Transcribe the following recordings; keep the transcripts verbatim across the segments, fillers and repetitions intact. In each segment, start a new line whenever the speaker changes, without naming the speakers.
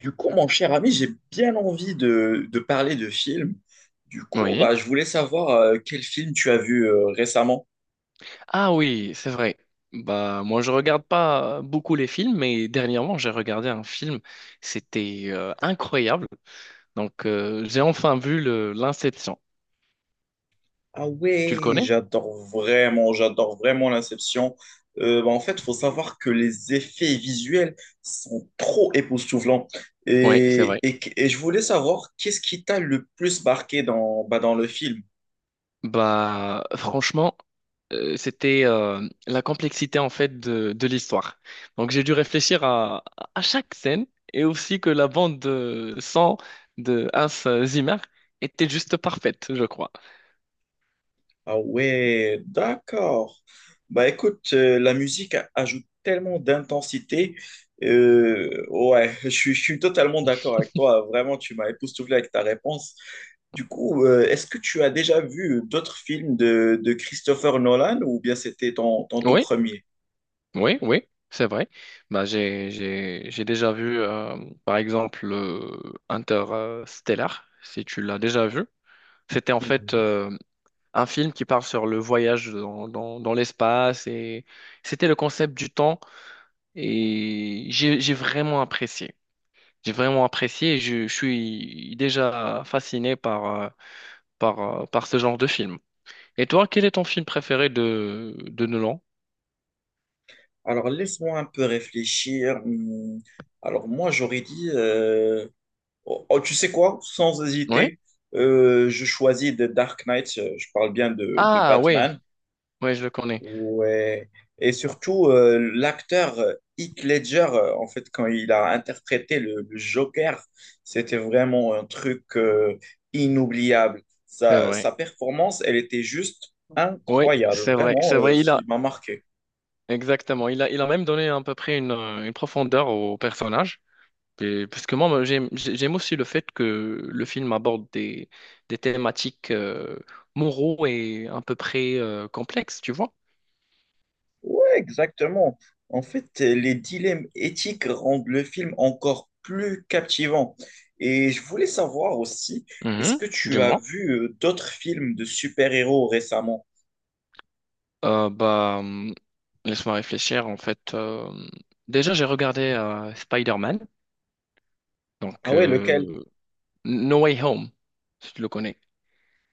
Du coup, mon cher ami, j'ai bien envie de, de parler de films. Du coup, bah,
Oui.
je voulais savoir euh, quel film tu as vu euh, récemment.
Ah oui, c'est vrai. Bah moi je regarde pas beaucoup les films, mais dernièrement j'ai regardé un film. C'était euh, incroyable. Donc euh, j'ai enfin vu le l'Inception.
Ah
Tu le
ouais,
connais?
j'adore vraiment, j'adore vraiment l'Inception. Euh, bah, en fait, il faut savoir que les effets visuels sont trop époustouflants.
Oui, c'est
Et,
vrai.
et, et je voulais savoir qu'est-ce qui t'a le plus marqué dans, bah, dans le film.
Bah franchement, euh, c'était euh, la complexité en fait de, de l'histoire. Donc j'ai dû réfléchir à, à chaque scène, et aussi que la bande de son de Hans Zimmer était juste parfaite, je crois.
Ah ouais, d'accord. Bah écoute, euh, la musique a- ajoute tellement d'intensité. Euh, ouais, je, suis je suis totalement d'accord avec toi. Vraiment, tu m'as époustouflé avec ta réponse. Du coup, euh, est-ce que tu as déjà vu d'autres films de, de Christopher Nolan ou bien c'était ton, ton tout
Oui.
premier?
Oui, oui, c'est vrai. Bah, j'ai, j'ai, j'ai déjà vu, euh, par exemple, le Interstellar, si tu l'as déjà vu. C'était en fait
Hmm.
euh, un film qui parle sur le voyage dans, dans, dans l'espace, et c'était le concept du temps, et j'ai, j'ai vraiment apprécié. J'ai vraiment apprécié et je, je suis déjà fasciné par, euh, par, euh, par ce genre de film. Et toi, quel est ton film préféré de, de Nolan?
Alors laisse-moi un peu réfléchir. Hmm. Alors moi, j'aurais dit Oh, oh, tu sais quoi? Sans
Oui?
hésiter, euh, je choisis The Dark Knight. euh, Je parle bien de, de
Ah, oui,
Batman.
oui, je le connais.
Ouais. Et surtout, euh, l'acteur euh, Heath Ledger, euh, en fait, quand il a interprété le, le Joker, c'était vraiment un truc euh, inoubliable.
C'est
Sa,
vrai.
sa performance, elle était juste
Oui,
incroyable.
c'est vrai, c'est
Vraiment, euh,
vrai, il a,
il m'a marqué.
exactement, il a, il a même donné à peu près une, euh, une profondeur au personnage. Et- parce que moi, moi, j'aime, j'ai- j'aime aussi le fait que le film aborde des, des thématiques euh, moraux et à peu près euh, complexes, tu vois.
Exactement. En fait, les dilemmes éthiques rendent le film encore plus captivant. Et je voulais savoir aussi, est-ce
Mhm,
que tu as
dis-moi.
vu euh, d'autres films de super-héros récemment?
Euh, bah, hum, laisse-moi réfléchir, en fait. Euh, déjà, j'ai regardé euh, Spider-Man,
Ah
donc
ouais, lequel?
euh, No Way Home, si tu le connais.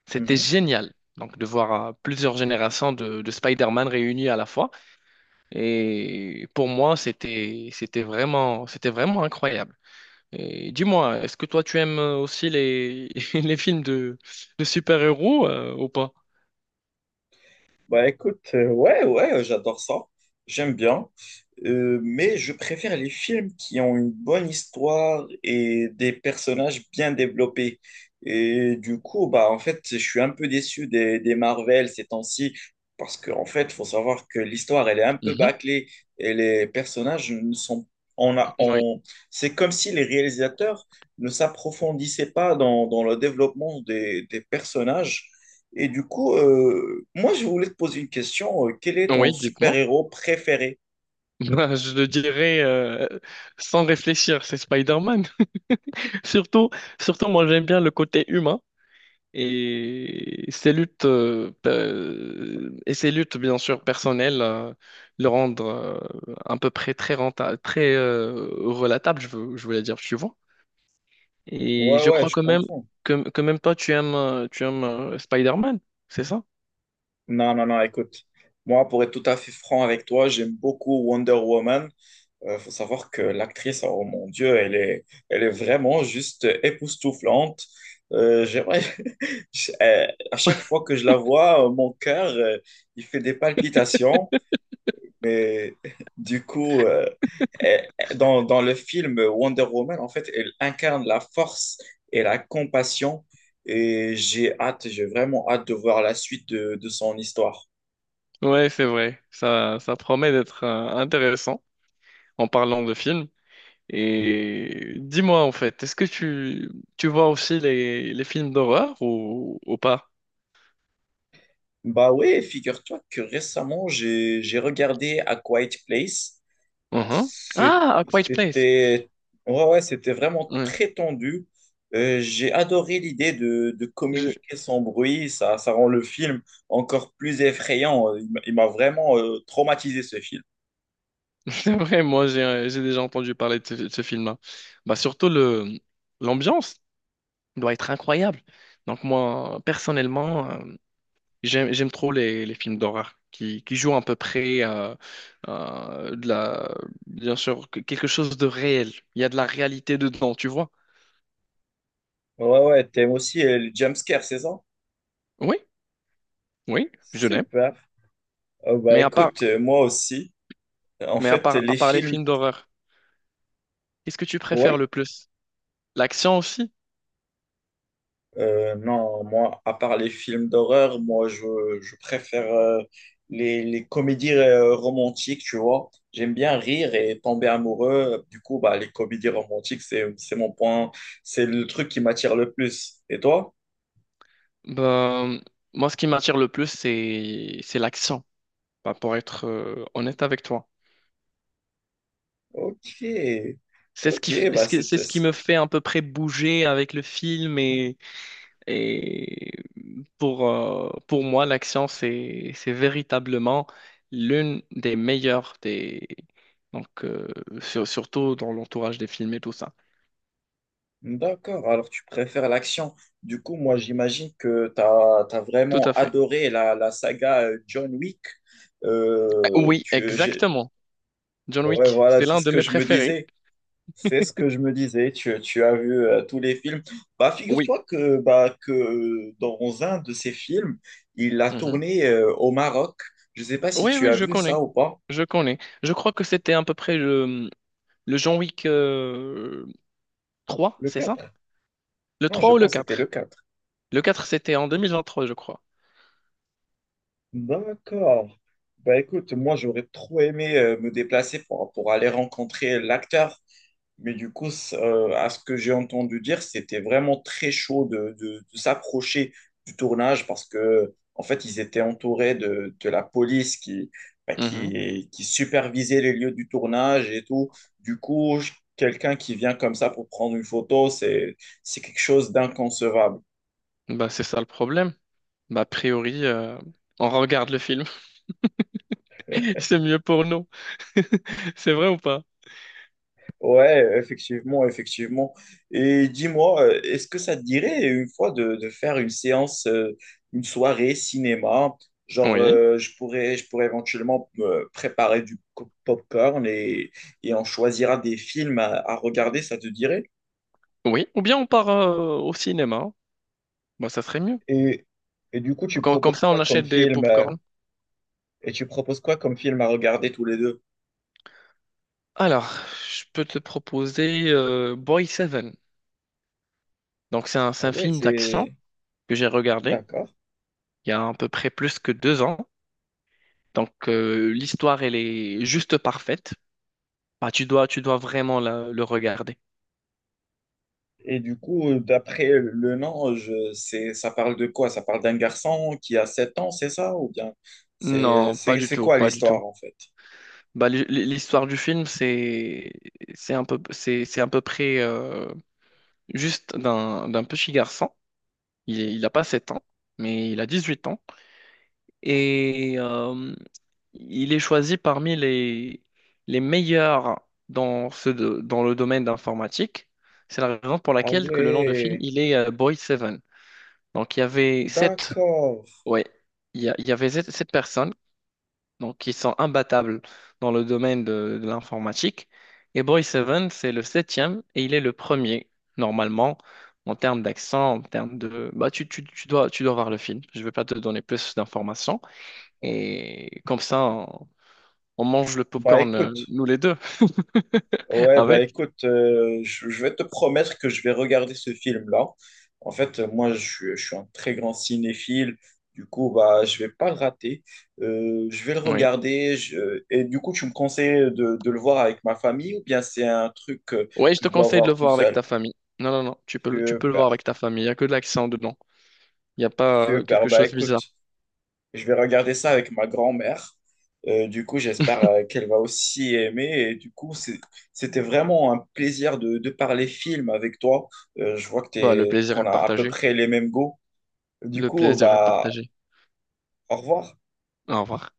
C'était génial. Donc, de voir euh, plusieurs générations de, de Spider-Man réunies à la fois. Et pour moi, c'était, c'était vraiment, c'était vraiment incroyable. Et dis-moi, est-ce que toi, tu aimes euh, aussi les, les films de, de super-héros euh, ou pas?
Bah écoute, euh, ouais, ouais, euh, j'adore ça. J'aime bien. Euh, mais je préfère les films qui ont une bonne histoire et des personnages bien développés. Et du coup, bah en fait, je suis un peu déçu des, des Marvel ces temps-ci. Parce qu'en en fait, faut savoir que l'histoire, elle est un peu
Mhm.
bâclée. Et les personnages ne sont. On a,
Oui,
on... C'est comme si les réalisateurs ne s'approfondissaient pas dans, dans le développement des, des personnages. Et du coup, euh, moi, je voulais te poser une question. Euh, quel est ton
oui, dites-moi.
super-héros préféré?
Ben, je le dirais euh, sans réfléchir, c'est Spider-Man. Surtout, surtout, moi, j'aime bien le côté humain. Et ces luttes, euh, pe- et ces luttes bien sûr personnelles, euh, le rendre euh, à peu près très rentable, très euh, relatable, je veux, je voulais dire, tu vois. Et
Ouais,
je
ouais,
crois
je
quand même
comprends.
que, que même toi, tu aimes, euh, tu aimes euh, Spider-Man, c'est ça?
Non, non, non, écoute. Moi, pour être tout à fait franc avec toi, j'aime beaucoup Wonder Woman. Il faut savoir que l'actrice, oh mon Dieu, elle est, elle est vraiment juste époustouflante. Euh, j'aimerais- je- euh, à chaque fois que je la vois, euh, mon cœur, euh, il fait des palpitations. Mais du coup, euh, elle- elle- dans, dans le film Wonder Woman, en fait, elle incarne la force et la compassion. Et j'ai hâte, j'ai vraiment hâte de voir la suite de, de son histoire.
Ouais, c'est vrai. Ça, ça promet d'être euh, intéressant, en parlant de films. Et dis-moi en fait, est-ce que tu, tu vois aussi les, les films d'horreur, ou, ou pas?
Bah ouais, figure-toi que récemment, j'ai, j'ai regardé A Quiet Place.
Mhm.
C'est-
Ah, A Quiet Place.
C'était ouais, ouais, c'était vraiment
Ouais.
très tendu. Euh, j'ai adoré l'idée de, de
J'ai-
communiquer sans bruit. Ça, ça rend le film encore plus effrayant. Euh, Il m'a il m'a vraiment euh, traumatisé ce film.
C'est vrai, moi j'ai euh, j'ai déjà entendu parler de ce, de ce film-là. Bah surtout le l'ambiance doit être incroyable. Donc moi personnellement, euh, j'aime, j'aime trop les, les films d'horreur qui, qui jouent à peu près euh, euh, de la, bien sûr, que- quelque chose de réel. Il y a de la réalité dedans, tu vois?
Ouais, ouais, t'aimes aussi euh, le jumpscare, c'est ça?
Oui, oui, je l'aime.
Super. Oh, bah
Mais à part,
écoute, euh, moi aussi. En
mais à
fait,
part, à
les
part les
films,
films d'horreur, qu'est-ce que tu préfères
ouais.
le plus? L'action aussi?
Euh, non, moi, à part les films d'horreur, moi, je, je préfère euh, les, les comédies euh, romantiques, tu vois. J'aime bien rire et tomber amoureux. Du coup, bah, les comédies romantiques, c'est, c'est mon point, c'est le truc qui m'attire le plus. Et toi?
Ben, moi, ce qui m'attire le plus, c'est, c'est l'action. Ben, pour être euh, honnête avec toi.
Ok,
C'est ce qui, f-
ok, bah
c'est c'est
c'était...
ce qui me fait à peu près bouger avec le film. et Et pour, euh, pour moi, l'action, c'est, c'est véritablement l'une des meilleures des... Donc, euh, sur- surtout dans l'entourage des films et tout ça.
D'accord, alors tu préfères l'action. Du coup, moi, j'imagine que tu as,
Tout
vraiment
à fait.
adoré la, la saga euh, John Wick.
Euh,
Euh,
Oui,
tu, j'ai-
exactement. John
Ouais,
Wick,
voilà,
c'est
c'est
l'un
ce
de
que
mes
je me
préférés.
disais. C'est ce que je me disais, tu, tu as vu euh, tous les films. Bah,
Oui.
figure-toi que, bah, que dans un de ces films, il a
Mhm.
tourné euh, au Maroc. Je ne sais pas si
Oui,
tu
oui,
as
je
vu
connais.
ça ou pas.
Je connais. Je crois que c'était à peu près le, le John Wick euh, trois,
Le
c'est ça?
quatre.
Le
Non,
trois
je
ou le
pense que c'était le
quatre.
quatre.
Le quatre c'était en deux mille vingt-trois, je crois.
D'accord. Bah écoute, moi j'aurais trop aimé euh, me déplacer pour, pour aller rencontrer l'acteur. Mais du coup, c- euh, à ce que j'ai entendu dire, c'était vraiment très chaud de, de- de s'approcher du tournage parce que, en fait, ils étaient entourés de, de la police qui, bah,
Mhm.
qui, qui supervisait les lieux du tournage et tout. Du coup, je- quelqu'un qui vient comme ça pour prendre une photo, c'est, c'est quelque chose d'inconcevable.
Bah, c'est ça le problème. Bah, a priori, euh, on regarde le film. C'est mieux pour nous. C'est vrai ou pas?
Ouais, effectivement, effectivement. Et dis-moi, euh, est-ce que ça te dirait une fois de, de faire une séance, euh, une soirée cinéma? Genre,
Oui.
euh, je pourrais, je pourrais éventuellement me préparer du co- popcorn et, et on choisira des films à, à regarder, ça te dirait?
Oui. Ou bien on part euh, au cinéma. Bah, ça serait mieux.
Et, et du coup, tu
Com- Comme
proposes
ça,
quoi
on
comme
achète des
film, euh,
popcorn.
et tu proposes quoi comme film à regarder tous les deux?
Alors, je peux te proposer euh, Boy Seven. Donc, c'est un, c'est
Ah
un
ouais,
film d'action
c'est...
que j'ai regardé
D'accord.
il y a à peu près plus que deux ans. Donc, euh, l'histoire, elle est juste parfaite. Bah, tu dois, tu dois vraiment la- le regarder.
Et du coup, d'après le nom, je, c'est, ça parle de quoi? Ça parle d'un garçon qui a sept ans, c'est ça? Ou bien c'est,
Non, pas
c'est,
du
c'est
tout,
quoi
pas du tout.
l'histoire en fait?
Bah, l'hi- l'histoire du film, c'est c'est un peu c'est c'est à peu près euh, juste d'un d'un petit garçon. Il est- il a pas sept ans, mais il a dix-huit ans et euh, il est choisi parmi les les meilleurs dans ce do- dans le domaine d'informatique. C'est la raison pour
Ah
laquelle que le nom de film
ouais,
il est euh, Boy Seven. Donc il y avait sept
d'accord.
ouais il y, a- il y avait sept sept personnes donc qui sont imbattables dans le domaine de, de l'informatique. Et Boy Seven, c'est le septième et il est le premier, normalement, en termes d'accent, en termes de... Bah, tu, tu, tu dois, tu dois voir le film, je ne vais pas te donner plus d'informations. Et comme ça, on, on mange le
Bah
popcorn, euh,
écoute,
nous les deux,
ouais, bah
avec.
écoute, euh, je, je vais te promettre que je vais regarder ce film-là. En fait, euh, moi, je, suis je suis un très grand cinéphile. Du coup, bah, je vais pas le rater. Euh, je vais le
Oui.
regarder. je- Et du coup, tu me conseilles de, de le voir avec ma famille ou bien c'est un truc que,
Oui, je
que
te
je dois
conseille de le
voir tout
voir avec
seul?
ta famille. Non, non, non, tu peux, le- tu peux le voir
Super,
avec ta famille, il n'y a que de l'accent dedans. Il n'y a pas euh,
Super.
quelque
Bah
chose de
écoute,
bizarre.
je vais regarder ça avec ma grand-mère. Euh, du coup, j'espère euh, qu'elle va aussi aimer. Et du coup, c'est- c'était vraiment un plaisir de, de parler film avec toi. Euh, je vois que
Bah, le
t'es,
plaisir
qu'on
est
a à peu
partagé.
près les mêmes goûts. Du
Le
coup,
plaisir est
bah,
partagé.
au revoir.
Au revoir.